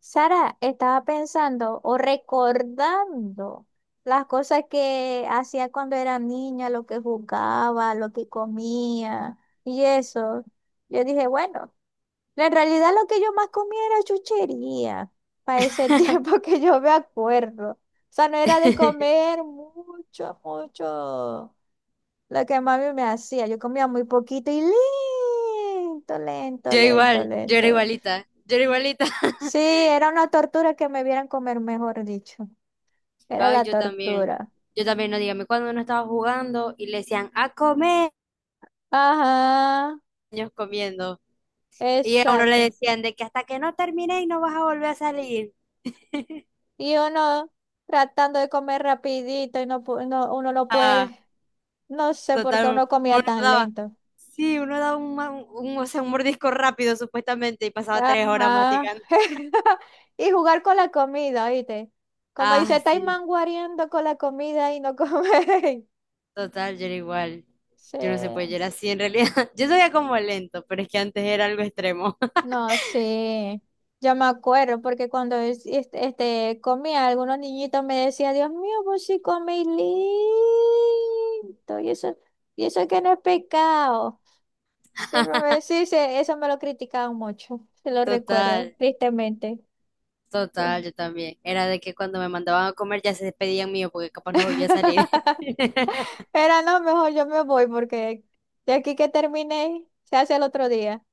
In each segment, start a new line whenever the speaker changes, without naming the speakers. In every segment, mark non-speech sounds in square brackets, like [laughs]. Sara, estaba pensando o recordando las cosas que hacía cuando era niña, lo que jugaba, lo que comía y eso. Yo dije, bueno, en realidad lo que yo más comía era chuchería para ese [laughs] tiempo
[laughs]
que yo me acuerdo. O sea, no era de comer mucho, mucho lo que mami me hacía. Yo comía muy poquito y lento, lento,
Yo
lento,
igual, yo era
lento.
igualita, yo era igualita. [laughs]
Sí, era una tortura que me vieran comer, mejor dicho. Era
Ay,
la tortura.
yo también, no dígame, cuando uno estaba jugando y le decían a comer,
Ajá,
niños comiendo, y a uno le
exacto.
decían de que hasta que no terminéis no vas a volver a salir. [laughs]
Y uno tratando de comer rapidito y no, uno no
Ah,
puede. No sé por qué
total,
uno
uno
comía tan
daba,
lento.
sí, uno daba un, un, o sea, un mordisco rápido supuestamente y pasaba 3 horas
Ajá.
masticando.
[laughs] Y jugar con la comida, ¿viste? Como dice,
Ah,
estáis
sí,
manguareando con la comida y no coméis.
total, yo era igual. Yo no sé, pues yo
[laughs] Sí.
era así en realidad. [laughs] Yo soy como lento, pero es que antes era algo extremo. [laughs]
No, sí, yo me acuerdo porque cuando comía, algunos niñitos me decían, Dios mío, vos sí coméis lindo, y eso, y eso que no es pecado. Siempre me sí, sí, eso me lo criticaban mucho, [laughs] se lo recuerdo,
Total.
tristemente. Pues.
Total, yo también. Era de que cuando me mandaban a comer ya se despedían mío porque capaz no volvía a salir.
[laughs]
[laughs]
Pero no, mejor yo me voy porque de aquí que termine se hace el otro día.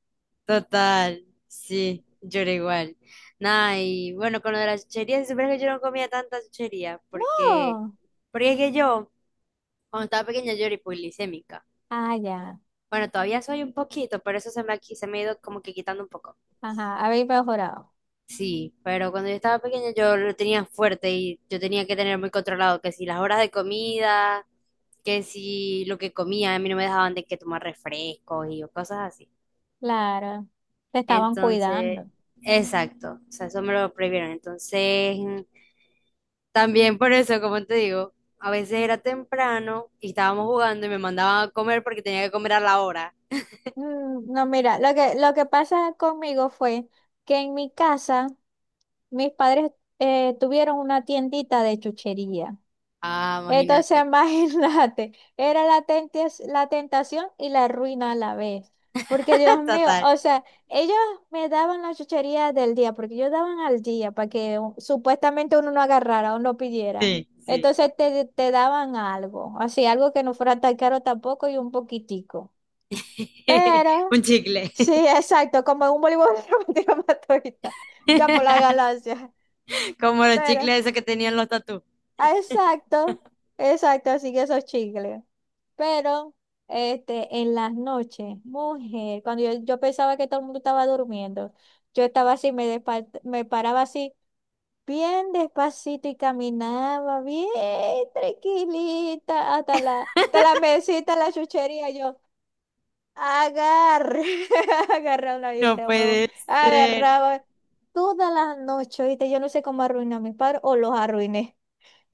Total, sí, yo era igual. Nada, y bueno, con lo de las chucherías, si supieras que yo no comía tanta chuchería porque,
No,
porque es que yo, cuando estaba pequeña, yo era hipoglicémica.
ah, ya,
Bueno, todavía soy un poquito, pero eso se me ha ido como que quitando un poco.
ajá, habéis mejorado,
Sí, pero cuando yo estaba pequeña yo lo tenía fuerte y yo tenía que tener muy controlado que si las horas de comida, que si lo que comía, a mí no me dejaban de que tomar refrescos y cosas así.
claro, te estaban
Entonces,
cuidando.
exacto, o sea, eso me lo prohibieron. Entonces, también por eso, como te digo, a veces era temprano y estábamos jugando y me mandaban a comer porque tenía que comer a la hora.
Mm, no, mira, lo que pasa conmigo fue que en mi casa mis padres tuvieron una tiendita de chuchería.
Ah,
Entonces, [laughs]
imagínate.
imagínate, era la tentación y la ruina a la vez. Porque Dios
[laughs]
mío,
Total.
o sea, ellos me daban la chuchería del día, porque ellos daban al día para que supuestamente uno no agarrara o no pidiera.
Sí, sí.
Entonces te daban algo, así, algo que no fuera tan caro tampoco y un poquitico.
[laughs]
Pero
Un chicle.
sí, exacto, como en un voleibol [laughs] romántico matuista, ya por la
[laughs]
galaxia.
Como los
Pero,
chicles esos que tenían los tatú.
ah, exacto,
[laughs]
exacto, así que esos chicles. Pero, este, en las noches, mujer, yo pensaba que todo el mundo estaba durmiendo, yo estaba así, me paraba así, bien despacito y caminaba bien tranquilita hasta hasta la mesita, la chuchería, yo. Agarra, [laughs] agarraba una galleta [laughs]
No
de huevo,
puede ser.
agarraba toda la noche, ¿viste? Yo no sé cómo arruiné a mis padres o los arruiné.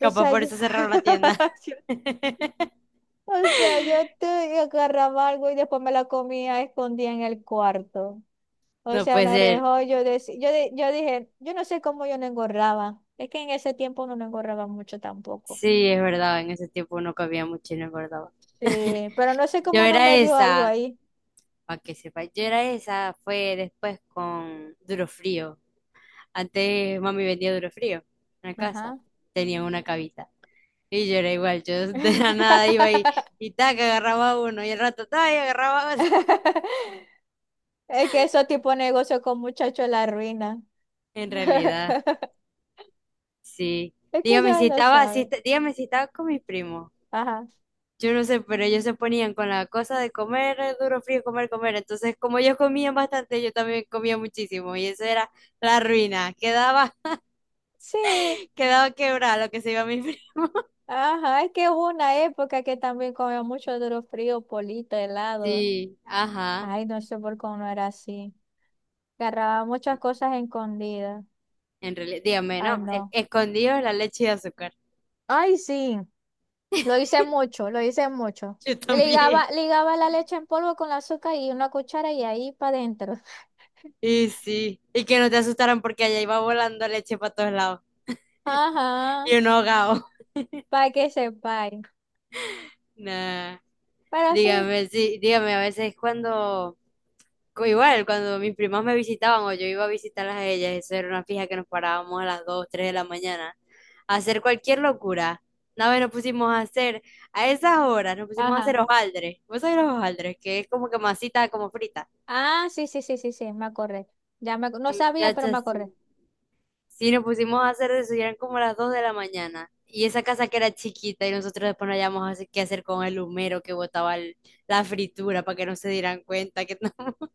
O
Capaz
sea,
por
yo,
eso cerraron la tienda.
[laughs] yo-
[laughs]
o sea, yo te agarraba algo y después me la comía escondida en el cuarto. O
No
sea,
puede
no
ser.
rejó, yo dije, yo no sé cómo yo no engordaba. Es que en ese tiempo uno no engordaba mucho tampoco.
Sí, es verdad, en ese tiempo uno comía mucho y no engordaba. [laughs]
Sí, pero no sé
Yo
cómo no
era
me dio algo
esa,
ahí.
para que sepa, yo era esa, fue después con Duro Frío. Antes mami vendía Duro Frío en la casa,
Ajá.
tenía una cabita. Y yo era igual, yo [laughs] de la nada iba y,
[laughs]
y tac, agarraba uno y el rato tac, y agarraba otro.
Es que esos tipos de negocio con muchachos la ruina.
[laughs] En realidad,
[laughs]
sí.
Es que
Dígame
ya
si
lo
estaba, si,
saben.
est- dígame si estaba con mis primos.
Ajá.
Yo no sé, pero ellos se ponían con la cosa de comer duro, frío, comer, comer. Entonces, como ellos comían bastante, yo también comía muchísimo. Y eso era la ruina. Quedaba,
Sí,
[laughs] quedaba quebrada lo que se iba a mi fri-
ajá. Es que hubo una época que también comía mucho duro frío, polito,
[laughs]
helado.
Sí, ajá.
Ay, no sé por cómo no era así. Agarraba muchas
Sí.
cosas escondidas.
En realidad, dígame,
Ay,
no.
no.
Escondido en la leche y azúcar. [laughs]
Ay, sí. Lo hice mucho, lo hice mucho.
Yo también.
Ligaba, ligaba la leche en polvo con la azúcar y una cuchara y ahí para adentro. [laughs]
Y sí. Y que no te asustaran porque allá iba volando leche para todos lados.
Ajá.
Y uno ahogado. [laughs]
Para que sepáis.
Nah.
Pero sí.
Dígame, sí, dígame, a veces cuando. Igual, cuando mis primas me visitaban o yo iba a visitarlas a ellas, eso era una fija que nos parábamos a las 2, 3 de la mañana a hacer cualquier locura. Una vez nos pusimos a hacer, a esas horas nos pusimos a
Ajá.
hacer hojaldres. ¿Vos sabés los hojaldres? Que es como que masita como frita.
Ah, sí, sí, sí, sí, sí, me acordé. No sabía, pero me
Muchachas,
acordé.
sí. Sí, nos pusimos a hacer de eso y eran como las 2 de la mañana. Y esa casa que era chiquita y nosotros después no hallábamos así qué hacer con el humero que botaba la fritura para que no se dieran cuenta que no. [laughs]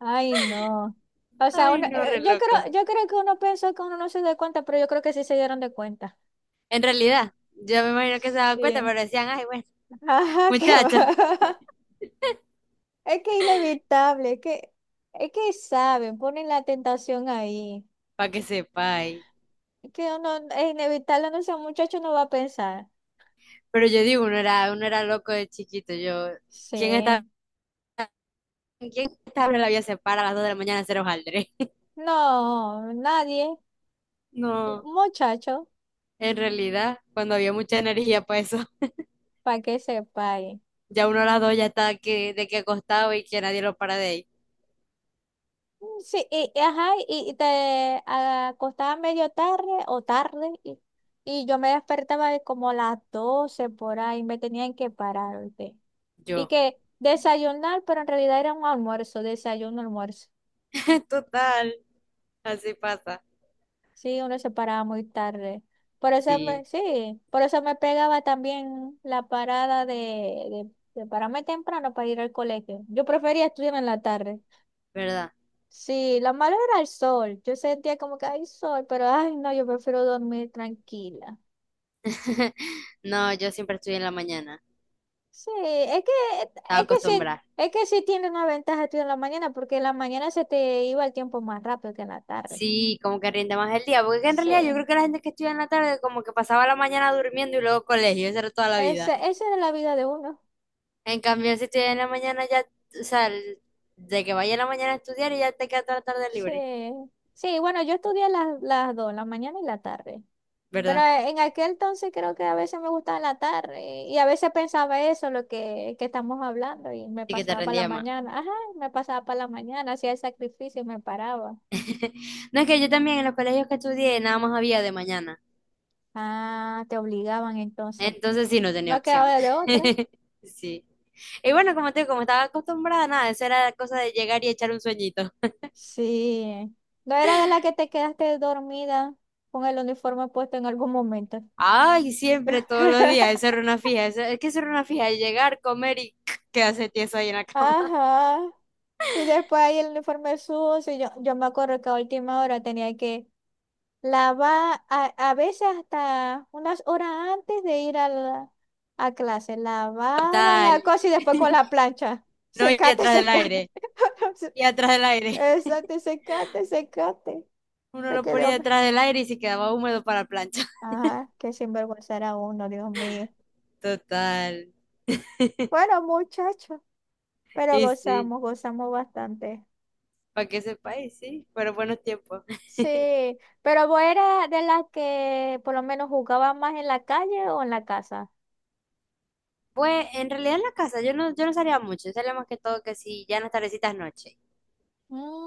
Ay, no. O sea,
Ay,
uno,
no, re loco.
yo creo que uno pensó que uno no se dio cuenta, pero yo creo que sí se dieron de cuenta.
En realidad, yo me imagino que se daban cuenta,
Sí.
pero decían, ay, bueno,
[laughs]
[laughs]
Ajá, qué va.
muchachos,
[laughs] Es que es inevitable, es que saben, ponen la tentación ahí.
para que sepáis.
Es que uno es inevitable, no sea muchacho, no va a pensar.
Pero yo digo, uno era loco de chiquito. Yo, ¿quién está,
Sí.
quién está abriendo la vía se para a las 2 de la mañana a hacer hojaldre? [laughs]
No, nadie.
No,
Muchacho,
en realidad, cuando había mucha energía para eso,
para que sepa.
[laughs] ya uno a las 2 ya está que, de que acostado y que nadie lo para de ahí.
Sí, y ajá, y te acostaba medio tarde o tarde y yo me despertaba de como a las 12 por ahí, me tenían que parar, ¿oíste? Y
Yo,
que desayunar, pero en realidad era un almuerzo, desayuno, almuerzo.
[laughs] total, así pasa.
Sí, uno se paraba muy tarde. Por eso me,
Sí,
sí, por eso me pegaba también la parada de, de pararme temprano para ir al colegio. Yo prefería estudiar en la tarde.
¿verdad?
Sí, lo malo era el sol. Yo sentía como que hay sol, pero ay, no, yo prefiero dormir tranquila.
[laughs] No, yo siempre estudié en la mañana,
Sí,
estaba
es que sí,
acostumbrada.
es que sí tiene una ventaja estudiar en la mañana, porque en la mañana se te iba el tiempo más rápido que en la tarde.
Sí, como que rinde más el día, porque es que en realidad yo creo
Sí,
que la gente que estudia en la tarde como que pasaba la mañana durmiendo y luego colegio, eso era toda la
esa,
vida.
esa era la vida de uno.
En cambio, si estudias en la mañana ya, o sea, de que vaya en la mañana a estudiar y ya te queda toda la tarde
Sí,
libre,
sí, bueno, yo estudié las dos, la mañana y la tarde. Pero
¿verdad?
en aquel entonces creo que a veces me gustaba en la tarde y a veces pensaba eso, que estamos hablando, y me
Y que te
pasaba para la
rendía más.
mañana. Ajá, me pasaba para la mañana, hacía el sacrificio y me paraba.
[laughs] No, es que yo también en los colegios que estudié nada más había de mañana,
Ah, te obligaban entonces.
entonces sí no tenía
No
opción.
quedaba de otra.
[laughs] Sí. Y bueno, como te digo, como estaba acostumbrada, nada, eso era cosa de llegar y echar un sueñito.
Sí. No era de la que te quedaste dormida con el uniforme puesto en algún momento.
Ay, siempre, todos los días,
[laughs]
esa era una fija. Es que esa era una fija, llegar, comer y [laughs] [clears throat] quedarse tieso ahí en la cama.
Ajá. Y después ahí el uniforme sucio. Yo me acuerdo que a última hora tenía que a veces hasta unas horas antes de ir a, a clase. Lavaba
Total,
la cosa y después con la plancha.
no ir
Secate,
detrás del
secate.
aire,
[laughs]
y atrás del aire. [laughs]
Exacto, secate, secate.
Uno
Te
lo
quedé
ponía
hombre.
detrás del aire y se quedaba húmedo para la plancha. [laughs]
Ajá, qué sinvergüenza era uno, Dios mío.
Total,
Bueno, muchachos, pero
y sí,
gozamos, gozamos bastante.
para que sepa, y sí, fueron buenos tiempos.
Sí, pero vos eras de las que por lo menos jugaba más en la calle o en la casa.
Pues en realidad en la casa yo no salía mucho, yo salía más que todo que si ya en las tardecitas noche.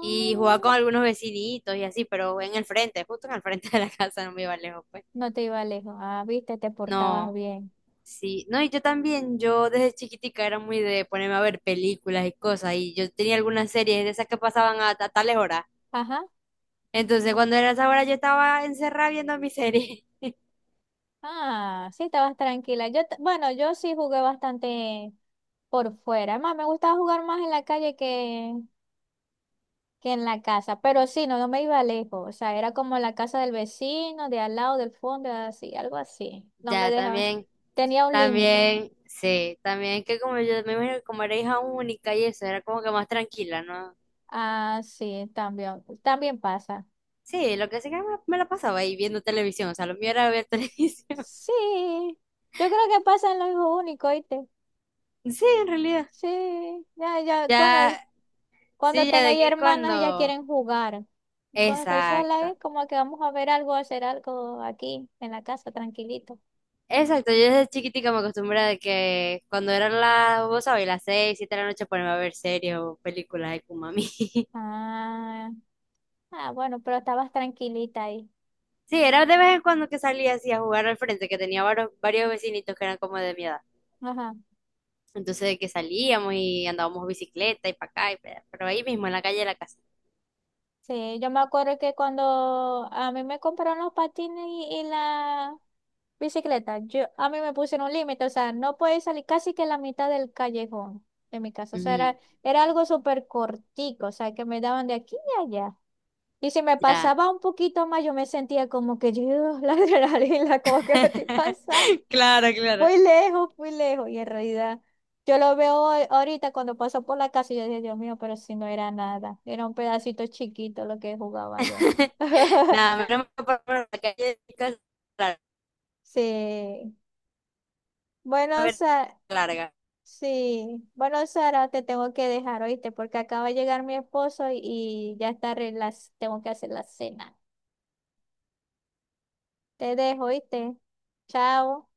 Y jugaba con algunos vecinitos y así, pero en el frente, justo en el frente de la [laughs] casa, no me iba lejos, pues.
No te iba lejos. Ah, viste, te portabas
No.
bien.
Sí, no, y yo también, yo desde chiquitica era muy de ponerme a ver películas y cosas, y yo tenía algunas series de esas que pasaban a tales horas.
Ajá.
Entonces, cuando era esa hora, yo estaba encerrada viendo mi serie. [laughs]
Ah, sí, estabas tranquila. Bueno, yo sí jugué bastante por fuera. Además, me gustaba jugar más en la calle que en la casa. Pero sí, no, no me iba lejos. O sea, era como la casa del vecino, de al lado, del fondo, así, algo así. No me
Ya,
dejabas.
también,
Tenía un límite.
también, sí, también que como yo me imagino que como era hija única y eso, era como que más tranquila, ¿no?
Ah, sí, también, también pasa.
Sí, lo que sí que me la pasaba ahí viendo televisión, o sea, lo mío era ver [laughs] televisión.
Sí, yo creo que pasa en lo mismo único, ¿oíste?
Sí, en realidad.
Sí, ya, ya, bueno,
Ya,
cuando
sí, ya de
tenéis
que
hermanas, ellas
cuando.
quieren jugar. Cuando estoy sola
Exacto.
es como que vamos a ver algo, a hacer algo aquí en la casa, tranquilito.
Exacto, yo desde chiquitica me acostumbré de que cuando eran las, vos sabés, las 6, 7 de la noche ponerme a ver series o películas de Kumami. [laughs]
Ah, ah, bueno, pero estabas tranquilita ahí.
Sí, era de vez en cuando que salía así a jugar al frente, que tenía varios vecinitos que eran como de mi edad.
Ajá.
Entonces de que salíamos y andábamos bicicleta y para acá, y pa' allá, pero ahí mismo, en la calle de la casa.
Sí, yo me acuerdo que cuando a mí me compraron los patines y la bicicleta, yo, a mí me pusieron un límite, o sea, no podía salir casi que la mitad del callejón de mi casa. O sea,
Ujú,
era algo súper cortico, o sea, que me daban de aquí y allá. Y si me
ya.
pasaba un poquito más, yo me sentía como que yo, [laughs] la adrenalina, como que me estoy pasando.
[laughs] Claro, claro.
Muy lejos, muy lejos. Y en realidad, yo lo veo ahorita cuando paso por la casa y yo dije, Dios mío, pero si no era nada. Era un pedacito chiquito lo que jugaba yo.
[laughs]
[laughs]
Nada, me lo por la calle de mi casa, claro,
Sí.
una
Bueno,
vereda
Sara,
larga.
sí. Bueno, Sara, te tengo que dejar, ¿oíste? Porque acaba de llegar mi esposo y ya está, tengo que hacer la cena. Te dejo, ¿oíste? Chao.